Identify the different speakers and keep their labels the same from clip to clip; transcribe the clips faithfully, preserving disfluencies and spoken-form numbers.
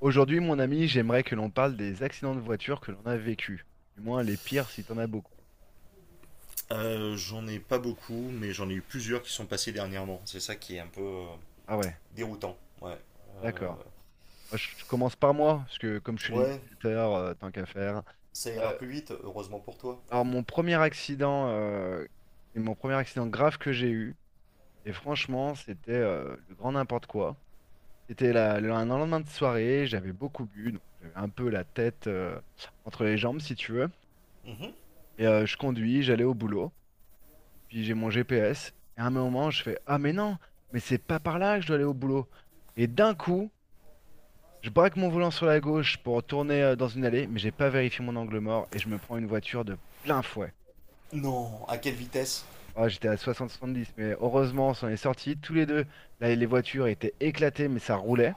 Speaker 1: Aujourd'hui, mon ami, j'aimerais que l'on parle des accidents de voiture que l'on a vécus. Du moins, les pires si t'en as beaucoup.
Speaker 2: Euh, j'en ai pas beaucoup, mais j'en ai eu plusieurs qui sont passés dernièrement. C'est ça qui est un peu euh,
Speaker 1: Ah ouais,
Speaker 2: déroutant. Ouais. Euh,
Speaker 1: d'accord. Moi, je, je commence par moi, parce que comme je suis
Speaker 2: ouais,
Speaker 1: l'initiateur, euh, tant qu'à faire.
Speaker 2: ça ira
Speaker 1: Euh,
Speaker 2: plus vite, heureusement pour toi.
Speaker 1: alors, mon premier accident, euh, c'est mon premier accident grave que j'ai eu. Et franchement, c'était euh, le grand n'importe quoi. C'était la- le- un lendemain de soirée, j'avais beaucoup bu, donc j'avais un peu la tête euh, entre les jambes, si tu veux.
Speaker 2: Mhm.
Speaker 1: Et euh, je conduis, j'allais au boulot. Puis j'ai mon G P S. Et à un moment, je fais, ah mais non, mais c'est pas par là que je dois aller au boulot. Et d'un coup, je braque mon volant sur la gauche pour tourner euh, dans une allée, mais j'ai pas vérifié mon angle mort et je me prends une voiture de plein fouet.
Speaker 2: Non, à quelle vitesse?
Speaker 1: Ah, j'étais à soixante soixante-dix, mais heureusement, on s'en est sortis tous les deux. Là, les voitures étaient éclatées, mais ça roulait.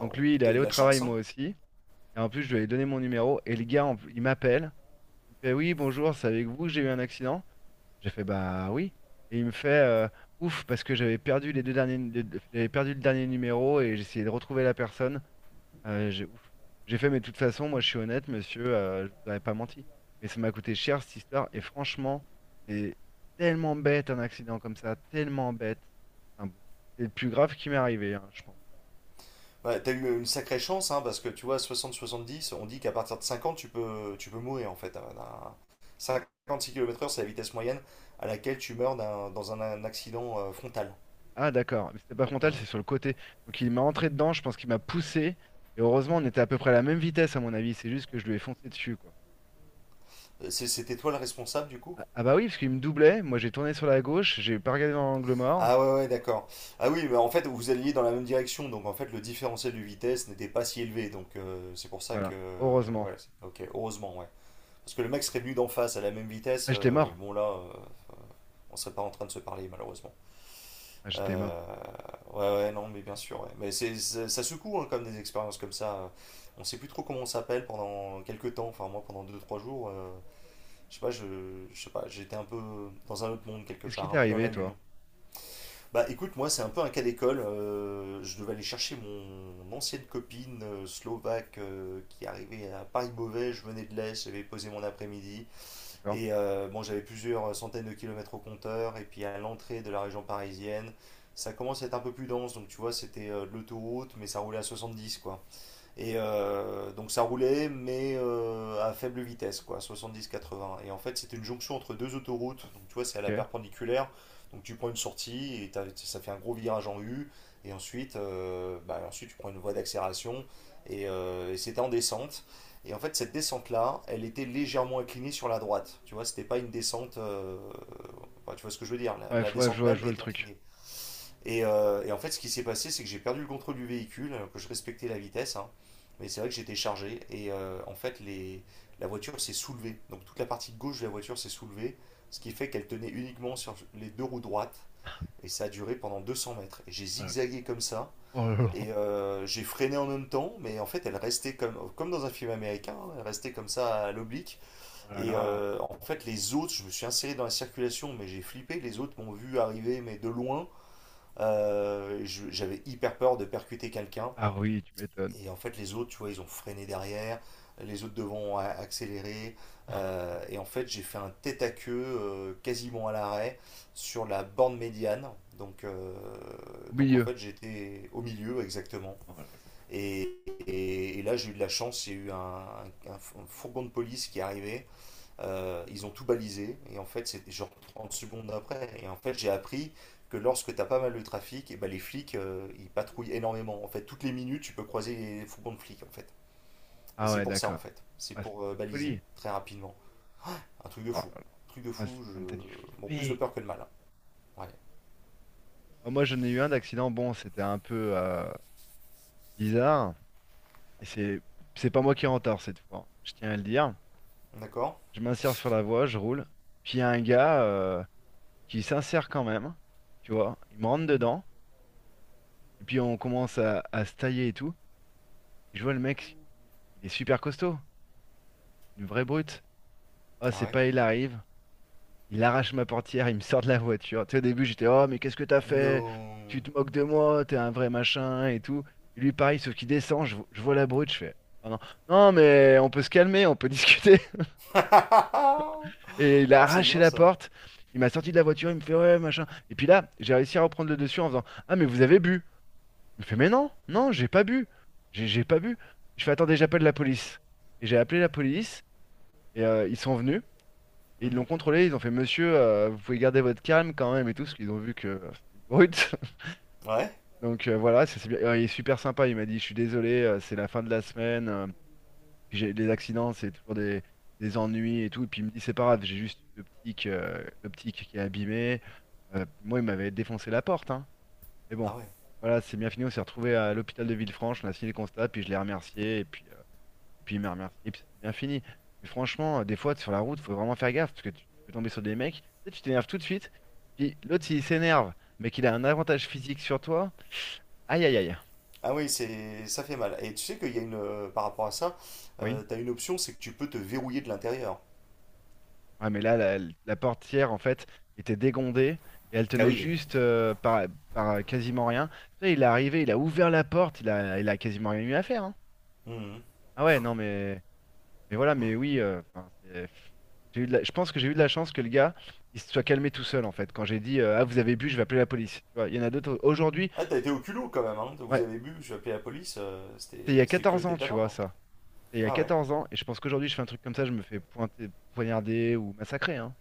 Speaker 1: Donc lui, il est
Speaker 2: t'as eu
Speaker 1: allé
Speaker 2: de
Speaker 1: au
Speaker 2: la
Speaker 1: travail,
Speaker 2: chance,
Speaker 1: moi
Speaker 2: hein?
Speaker 1: aussi. Et en plus, je lui ai donné mon numéro. Et le gars, en- il m'appelle. Il me fait, oui, bonjour, c'est avec vous que j'ai eu un accident. J'ai fait bah oui. Et il me fait euh, ouf parce que j'avais perdu les deux derniers, les deux- j'avais perdu le dernier numéro et j'essayais de retrouver la personne. Euh, j'ai ouf. J'ai fait mais de toute façon, moi je suis honnête, monsieur, euh, je vous aurais pas menti. Mais ça m'a coûté cher cette histoire et franchement, c'est tellement bête un accident comme ça, tellement bête. Enfin bon, c'est le plus grave qui m'est arrivé, hein, je pense.
Speaker 2: Ouais, t'as eu une sacrée chance, hein, parce que tu vois, soixante soixante-dix, on dit qu'à partir de cinquante, tu peux, tu peux mourir, en fait. à- à- cinquante-six kilomètres heure, c'est la vitesse moyenne à laquelle tu meurs d'un- dans un, un accident euh, frontal.
Speaker 1: Ah d'accord, mais c'était pas frontal,
Speaker 2: Euh,
Speaker 1: c'est sur le côté. Donc il m'a entré dedans, je pense qu'il m'a poussé et heureusement on était à peu près à la même vitesse à mon avis. C'est juste que je lui ai foncé dessus quoi.
Speaker 2: c'est- C'était toi le responsable, du coup?
Speaker 1: Ah, ah bah oui, parce qu'il me doublait. Moi, j'ai tourné sur la gauche, j'ai pas regardé dans l'angle mort.
Speaker 2: Ah ouais, ouais, d'accord. Ah oui, bah en fait, vous alliez dans la même direction, donc en fait, le différentiel de vitesse n'était pas si élevé, donc euh, c'est pour ça que...
Speaker 1: Voilà, heureusement.
Speaker 2: Ouais, c'est- ok, heureusement, ouais. Parce que le mec serait venu d'en face à la même vitesse,
Speaker 1: Ah, j'étais
Speaker 2: euh,
Speaker 1: mort.
Speaker 2: bon là, euh, on serait pas en train de se parler, malheureusement.
Speaker 1: Ah, j'étais mort.
Speaker 2: Euh, ouais, ouais, non, mais bien sûr, ouais. Mais c'est, c'est- ça secoue, hein, comme des expériences comme ça. On sait plus trop comment on s'appelle pendant quelques temps, enfin moi, pendant deux trois jours, euh, je sais pas, je, je sais pas, j'étais un peu dans un autre monde quelque
Speaker 1: Qu'est-ce qui
Speaker 2: part,
Speaker 1: t'est
Speaker 2: un peu dans la
Speaker 1: arrivé,
Speaker 2: lune.
Speaker 1: toi?
Speaker 2: Bah écoute, moi c'est un peu un cas d'école. Euh, je devais aller chercher mon ancienne copine euh, slovaque euh, qui arrivait à Paris-Beauvais. Je venais de l'Est, j'avais posé mon après-midi.
Speaker 1: D'accord.
Speaker 2: Et euh, bon, j'avais plusieurs centaines de kilomètres au compteur. Et puis à l'entrée de la région parisienne, ça commence à être un peu plus dense. Donc tu vois, c'était euh, de l'autoroute, mais ça roulait à soixante-dix quoi. Et euh, donc ça roulait, mais euh, à faible vitesse, quoi, soixante-dix quatre-vingts. Et en fait, c'est une jonction entre deux autoroutes. Donc tu vois, c'est à la
Speaker 1: Ok.
Speaker 2: perpendiculaire. Donc tu prends une sortie et t'as- ça fait un gros virage en U. Et ensuite, euh, bah, ensuite tu prends une voie d'accélération. Et, euh, et c'était en descente. Et en fait, cette descente-là, elle était légèrement inclinée sur la droite. Tu vois, c'était pas une descente. Euh, enfin, tu vois ce que je veux dire? La,
Speaker 1: Ouais,
Speaker 2: la
Speaker 1: faut- ouais, je
Speaker 2: descente
Speaker 1: vois, je
Speaker 2: même
Speaker 1: vois le
Speaker 2: était
Speaker 1: truc.
Speaker 2: inclinée. Et, euh, et en fait, ce qui s'est passé, c'est que j'ai perdu le contrôle du véhicule, que je respectais la vitesse, hein. Mais c'est vrai que j'étais chargé. Et euh, en fait, les, la voiture s'est soulevée. Donc toute la partie gauche de la voiture s'est soulevée, ce qui fait qu'elle tenait uniquement sur les deux roues droites. Et ça a duré pendant deux cents mètres. Et j'ai
Speaker 1: Oh là là.
Speaker 2: zigzagué comme ça.
Speaker 1: Oh là là.
Speaker 2: Et euh, j'ai freiné en même temps, mais en fait elle restait comme, comme dans un film américain, hein, elle restait comme ça à l'oblique.
Speaker 1: Oh là
Speaker 2: Et
Speaker 1: là.
Speaker 2: euh, en fait les autres, je me suis inséré dans la circulation, mais j'ai flippé, les autres m'ont vu arriver, mais de loin. Euh, J'avais hyper peur de percuter quelqu'un.
Speaker 1: Ah oui, tu m'étonnes.
Speaker 2: Et en fait, les autres, tu vois, ils ont freiné derrière. Les autres devant ont accéléré. Euh, et en fait, j'ai fait un tête à queue euh, quasiment à l'arrêt sur la borne médiane. Donc, euh,
Speaker 1: Au
Speaker 2: donc en
Speaker 1: milieu.
Speaker 2: fait, j'étais au milieu exactement.
Speaker 1: Oh là là.
Speaker 2: Et, et- et là, j'ai eu de la chance. Il y a eu un, un- Un fourgon de police qui est arrivé euh, ils ont tout balisé et en fait c'était genre trente secondes après et en fait j'ai appris que lorsque t'as pas mal de trafic et ben les flics euh, ils patrouillent énormément en fait toutes les minutes tu peux croiser les fourgons de flics en fait et
Speaker 1: Ah
Speaker 2: c'est
Speaker 1: ouais,
Speaker 2: pour ça en
Speaker 1: d'accord.
Speaker 2: fait c'est
Speaker 1: Ah, c'est
Speaker 2: pour
Speaker 1: de
Speaker 2: euh,
Speaker 1: la
Speaker 2: baliser
Speaker 1: folie.
Speaker 2: très rapidement un truc de
Speaker 1: Oh
Speaker 2: fou
Speaker 1: là là.
Speaker 2: truc de
Speaker 1: Ah, c'est
Speaker 2: fou
Speaker 1: comme t'as
Speaker 2: je
Speaker 1: dû
Speaker 2: bon plus de
Speaker 1: flipper.
Speaker 2: peur que de mal hein. Ouais,
Speaker 1: Ah, moi, j'en ai eu un d'accident. Bon, c'était un peu euh, bizarre. Et c'est, c'est pas moi qui est en retard cette fois. Je tiens à le dire.
Speaker 2: d'accord.
Speaker 1: Je m'insère sur la voie, je roule. Puis il y a un gars euh, qui s'insère quand même, tu vois. Il me rentre dedans. Et puis on commence à, à se tailler et tout. Et je vois le mec, il est super costaud, une vraie brute. Ah,
Speaker 2: Ah
Speaker 1: c'est
Speaker 2: ouais,
Speaker 1: pas, il arrive, il arrache ma portière, il me sort de la voiture. Tu sais, au début, j'étais, oh, mais qu'est-ce que t'as fait? Tu
Speaker 2: non.
Speaker 1: te moques de moi, t'es un vrai machin et tout. Et lui, pareil, sauf qu'il descend, je, vo- je vois la brute, je fais, oh non, non, mais on peut se calmer, on peut discuter.
Speaker 2: Ah ah.
Speaker 1: Et il a
Speaker 2: Ah, c'est
Speaker 1: arraché
Speaker 2: bien
Speaker 1: la
Speaker 2: ça.
Speaker 1: porte. Il m'a sorti de la voiture, il me fait ouais, machin. Et puis là, j'ai réussi à reprendre le dessus en faisant ah, mais vous avez bu. Il me fait mais non, non, j'ai pas bu. J'ai j'ai pas bu. Je fais attendez, j'appelle la police. Et j'ai appelé la police et euh, ils sont venus et ils l'ont
Speaker 2: Mhm.
Speaker 1: contrôlé. Ils ont fait monsieur, euh, vous pouvez garder votre calme quand même et tout, parce qu'ils ont vu que euh, c'était une brute.
Speaker 2: Ouais.
Speaker 1: Donc euh, voilà, c'est c'est bien. Euh, Il est super sympa. Il m'a dit je suis désolé, euh, c'est la fin de la semaine. euh, Puis j'ai les accidents, c'est toujours des, des ennuis et tout. Et puis il me dit, c'est pas grave, j'ai juste une optique, euh, l'optique qui est abîmée. Euh, moi, il m'avait défoncé la porte, hein. Mais bon,
Speaker 2: Ah ouais.
Speaker 1: voilà, c'est bien fini. On s'est retrouvé à l'hôpital de Villefranche, on a signé le constat, puis je l'ai remercié, et puis, euh, et puis il m'a remercié, et puis c'est bien fini. Mais franchement, euh, des fois, sur la route, faut vraiment faire gaffe, parce que tu peux tomber sur des mecs, tu sais, tu t'énerves tout de suite, puis l'autre, s'il s'énerve, mais qu'il a un avantage physique sur toi, aïe aïe aïe.
Speaker 2: Ah oui, c'est, ça fait mal. Et tu sais qu'il y a une, euh, par rapport à ça,
Speaker 1: Oui.
Speaker 2: euh, t'as une option, c'est que tu peux te verrouiller de l'intérieur.
Speaker 1: Ouais, mais là, la, la portière, en fait, était dégondée et elle
Speaker 2: Ah
Speaker 1: tenait
Speaker 2: oui.
Speaker 1: juste euh, par, par euh, quasiment rien. Tu sais, il est arrivé, il a ouvert la porte, il a, il a quasiment rien eu à faire, hein.
Speaker 2: Mhm.
Speaker 1: Ah ouais, non, mais, mais voilà, mais oui, euh, enfin, c'est- j'ai eu de la- je pense que j'ai eu de la chance que le gars, il se soit calmé tout seul, en fait. Quand j'ai dit, euh, ah, vous avez bu, je vais appeler la police. Tu vois, il y en a d'autres. Aujourd'hui,
Speaker 2: Ah, t'as été au culot quand même, hein. Vous
Speaker 1: ouais,
Speaker 2: avez bu, j'ai appelé la police, euh, c'était,
Speaker 1: c'était il y a
Speaker 2: c'était
Speaker 1: quatorze
Speaker 2: culotté
Speaker 1: ans,
Speaker 2: de ta
Speaker 1: tu
Speaker 2: part,
Speaker 1: vois,
Speaker 2: hein.
Speaker 1: ça. C'était il y a
Speaker 2: Ah ouais,
Speaker 1: quatorze ans, et je pense qu'aujourd'hui, je fais un truc comme ça, je me fais pointer, poignarder ou massacrer, hein.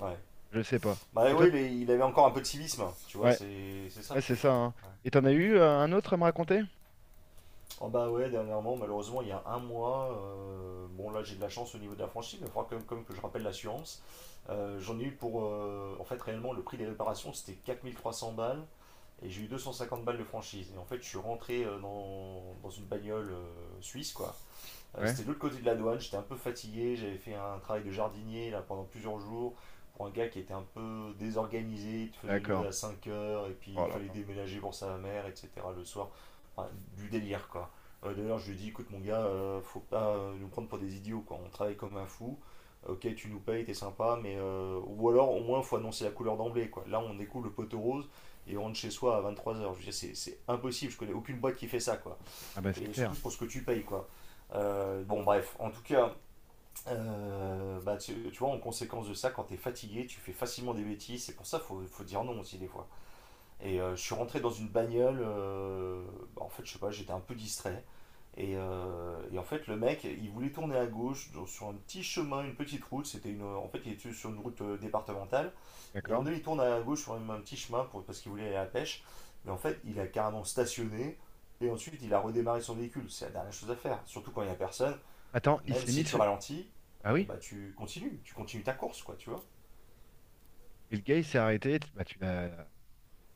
Speaker 2: ouais.
Speaker 1: Je sais pas.
Speaker 2: Bah
Speaker 1: Et toi,
Speaker 2: oui,
Speaker 1: t-
Speaker 2: il est- il avait encore un peu de civisme, tu vois,
Speaker 1: ouais.
Speaker 2: c'est, c'est ça le
Speaker 1: Ouais, c'est
Speaker 2: truc.
Speaker 1: ça, hein.
Speaker 2: Ouais.
Speaker 1: Et t'en as eu euh, un autre à me raconter?
Speaker 2: Oh bah ouais, dernièrement, malheureusement, il y a un mois, euh, bon là j'ai de la chance au niveau de la franchise, mais il faudra quand même, quand que je rappelle l'assurance. Euh, j'en ai eu pour, euh, en fait réellement, le prix des réparations c'était quatre mille trois cents balles, et j'ai eu deux cent cinquante balles de franchise. Et en fait, je suis rentré euh, dans, dans une bagnole euh, suisse, quoi, euh,
Speaker 1: Ouais,
Speaker 2: c'était de l'autre côté de la douane. J'étais un peu fatigué, j'avais fait un travail de jardinier là, pendant plusieurs jours pour un gars qui était un peu désorganisé. Il te faisait lever
Speaker 1: d'accord.
Speaker 2: à cinq heures et puis
Speaker 1: Oh
Speaker 2: il
Speaker 1: là
Speaker 2: fallait
Speaker 1: là.
Speaker 2: déménager pour sa mère, et cetera le soir. Enfin, du délire quoi. Euh, D'ailleurs, je lui ai dit écoute, mon gars, euh, faut pas euh, nous prendre pour des idiots quoi, on travaille comme un fou. Ok, tu nous payes, t'es sympa, mais euh, ou alors au moins faut annoncer la couleur d'emblée quoi. Là, on découvre le poteau rose et on rentre chez soi à vingt-trois heures. Je veux dire, c'est c'est impossible, je connais aucune boîte qui fait ça quoi
Speaker 1: Ah bah c'est
Speaker 2: et surtout
Speaker 1: clair.
Speaker 2: pour ce que tu payes, quoi. Euh, bon, bref, en tout cas, euh, bah, tu, tu vois, en conséquence de ça, quand t'es fatigué, tu fais facilement des bêtises. C'est pour ça qu'il faut, faut dire non aussi, des fois. Et euh, je suis rentré dans une bagnole. Euh, bah, en fait, je sais pas, j'étais un peu distrait. Et, euh, et en fait, le mec, il voulait tourner à gauche sur un petit chemin, une petite route. C'était une, en fait, il était sur une route euh, départementale. Et à un moment
Speaker 1: D'accord.
Speaker 2: donné, il tourne à gauche sur un petit chemin pour, parce qu'il voulait aller à la pêche. Mais en fait, il a carrément stationné et ensuite il a redémarré son véhicule. C'est la dernière chose à faire. Surtout quand il n'y a personne, bah,
Speaker 1: Attends, il
Speaker 2: même
Speaker 1: s'est
Speaker 2: si
Speaker 1: mis
Speaker 2: tu
Speaker 1: sur...
Speaker 2: ralentis,
Speaker 1: Ah
Speaker 2: eh
Speaker 1: oui?
Speaker 2: bah, tu continues, tu continues ta course, quoi, tu vois.
Speaker 1: Et le gars, il s'est arrêté. Bah tu l'as...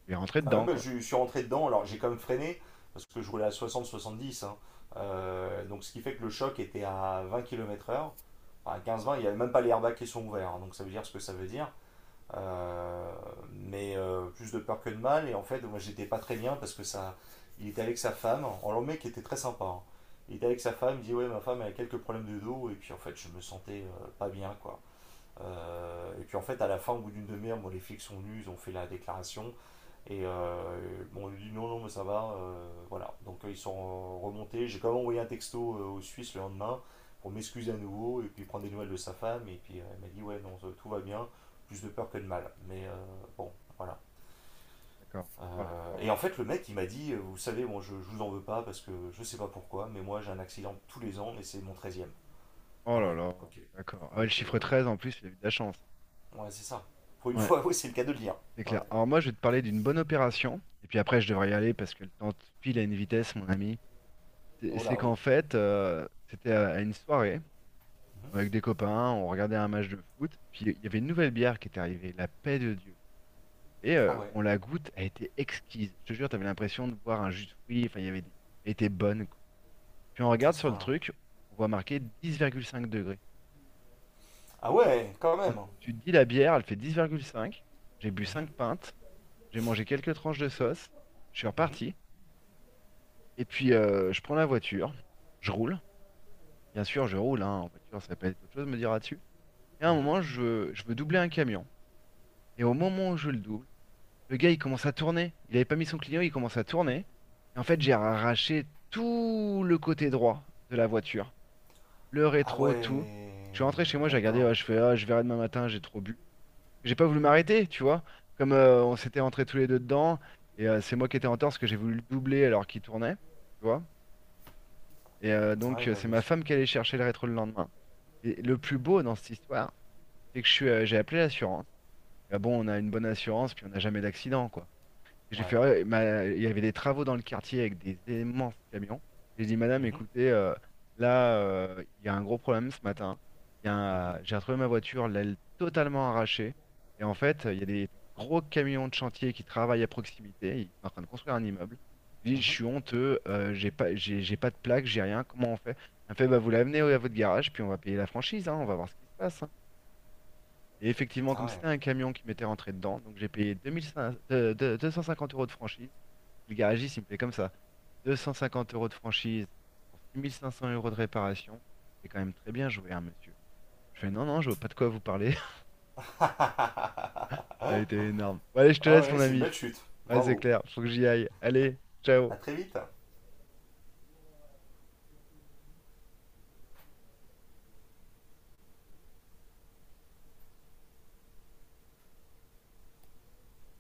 Speaker 1: Tu es rentré
Speaker 2: Ah ouais,
Speaker 1: dedans,
Speaker 2: bah,
Speaker 1: quoi.
Speaker 2: je suis rentré dedans, alors j'ai quand même freiné parce que je roulais à soixante soixante-dix, hein. Euh, donc ce qui fait que le choc était à vingt kilomètres heure. À quinze vingt, il n'y avait même pas les airbags qui sont ouverts, hein. Donc ça veut dire ce que ça veut dire. Euh, mais euh, plus de peur que de mal. Et en fait, moi, j'étais pas très bien parce que ça. Il était avec sa femme. Alors, le mec était très sympa, hein. Il était avec sa femme, il dit ouais, ma femme elle a quelques problèmes de dos. Et puis, en fait, je me sentais euh, pas bien, quoi. Euh, et puis, en fait, à la fin, au bout d'une demi-heure, bon, les flics sont venus, ils ont fait la déclaration. Et euh, bon, on lui dit non, non, mais ça va, euh, voilà. Donc euh, ils sont euh, remontés. J'ai quand même envoyé un texto euh, aux Suisses le lendemain pour m'excuser à nouveau et puis prendre des nouvelles de sa femme. Et puis euh, elle m'a dit ouais, non, tout va bien. Plus de peur que de mal. Mais euh, bon, voilà.
Speaker 1: D'accord. Oh là
Speaker 2: Euh,
Speaker 1: là.
Speaker 2: et en fait,
Speaker 1: Ouais.
Speaker 2: le mec, il m'a dit, euh, vous savez, moi, je, je vous en veux pas parce que je sais pas pourquoi, mais moi, j'ai un accident tous les ans et c'est mon treizième.
Speaker 1: Oh
Speaker 2: Ah
Speaker 1: là
Speaker 2: ouais,
Speaker 1: là.
Speaker 2: ok.
Speaker 1: D'accord. Ah ouais, le
Speaker 2: Donc, euh,
Speaker 1: chiffre treize en plus, il a eu de la chance.
Speaker 2: ouais, c'est ça. Pour une
Speaker 1: Ouais,
Speaker 2: fois, oui, c'est le cas de le dire.
Speaker 1: c'est
Speaker 2: Ouais.
Speaker 1: clair. Alors moi, je vais te parler d'une bonne opération. Et puis après, je devrais y aller parce que le temps file à une vitesse, mon ami. C'est
Speaker 2: Oh
Speaker 1: c'est
Speaker 2: là oui.
Speaker 1: qu'en fait, euh, c'était à à une soirée avec
Speaker 2: Mm-hmm.
Speaker 1: des copains. On regardait un match de foot. Puis il y avait une nouvelle bière qui était arrivée. La Paix de Dieu. Et
Speaker 2: Ah
Speaker 1: euh,
Speaker 2: ouais,
Speaker 1: on la goûte, elle était exquise. Je te jure, t'avais l'impression de boire un jus de fruits. Enfin, il y avait des... Elle était bonne, quoi. Puis on
Speaker 2: à
Speaker 1: regarde
Speaker 2: ce
Speaker 1: sur le
Speaker 2: point-là.
Speaker 1: truc, on voit marqué dix virgule cinq degrés.
Speaker 2: Ah
Speaker 1: Ah,
Speaker 2: ouais, quand
Speaker 1: alors,
Speaker 2: même.
Speaker 1: tu te dis la bière, elle fait dix virgule cinq. J'ai bu
Speaker 2: Mhm,
Speaker 1: cinq pintes, j'ai mangé quelques tranches de sauce, je suis
Speaker 2: mhm,
Speaker 1: reparti. Et puis euh, je prends la voiture, je roule. Bien sûr, je roule, hein, en voiture, ça peut être autre chose, me dira-tu. Et à un
Speaker 2: mhm.
Speaker 1: moment, je veux, je veux doubler un camion. Et au moment où je le double, le gars, il commence à tourner. Il avait pas mis son client, il commence à tourner. Et en fait, j'ai arraché tout le côté droit de la voiture. Le
Speaker 2: Ah
Speaker 1: rétro,
Speaker 2: ouais,
Speaker 1: tout. Je suis rentré chez moi, j'ai regardé, ah,
Speaker 2: d'accord.
Speaker 1: je fais, ah, je verrai demain matin, j'ai trop bu. J'ai pas voulu m'arrêter, tu vois. Comme euh, on s'était rentrés tous les deux dedans. Et euh, c'est moi qui étais en tort parce que j'ai voulu le doubler alors qu'il tournait, tu vois. Et euh,
Speaker 2: Ouais,
Speaker 1: donc, euh,
Speaker 2: bah
Speaker 1: c'est
Speaker 2: bien
Speaker 1: ma
Speaker 2: sûr.
Speaker 1: femme qui allait chercher le rétro le lendemain. Et le plus beau dans cette histoire, c'est que je suis, euh, j'ai appelé l'assurance. Ah bon, on a une bonne assurance, puis on n'a jamais d'accident, quoi. J'ai
Speaker 2: Ouais.
Speaker 1: fait, ouais, ma- il y avait des travaux dans le quartier avec des immenses camions. J'ai dit, madame,
Speaker 2: Mhm,
Speaker 1: écoutez, euh, là, euh, il y a un gros problème ce matin. Il y a
Speaker 2: mhm,
Speaker 1: un- j'ai retrouvé ma voiture, l'aile totalement arrachée. Et en fait, il y a des gros camions de chantier qui travaillent à proximité. Ils sont en train de construire un immeuble. Je dis, je
Speaker 2: mhm.
Speaker 1: suis honteux, euh, j'ai pas, j'ai j'ai pas de plaque, j'ai rien. Comment on fait? Elle me fait, bah, vous l'amenez à votre garage, puis on va payer la franchise, hein, on va voir ce qui se passe, hein. Et effectivement,
Speaker 2: Ah
Speaker 1: comme
Speaker 2: ouais.
Speaker 1: c'était un camion qui m'était rentré dedans, donc j'ai payé deux mille cinq cents de- de- deux cent cinquante euros de franchise. Le garagiste, il me fait comme ça: deux cent cinquante euros de franchise pour six mille cinq cents euros de réparation. C'est quand même très bien joué, hein, monsieur. Je fais non, non, je vois pas de quoi vous parler. Ah, il
Speaker 2: Ah
Speaker 1: était énorme. Bon, allez, je te laisse,
Speaker 2: ouais,
Speaker 1: mon
Speaker 2: c'est une
Speaker 1: ami.
Speaker 2: belle chute.
Speaker 1: Ouais, c'est
Speaker 2: Bravo.
Speaker 1: clair, faut que j'y aille. Allez, ciao.
Speaker 2: À très vite.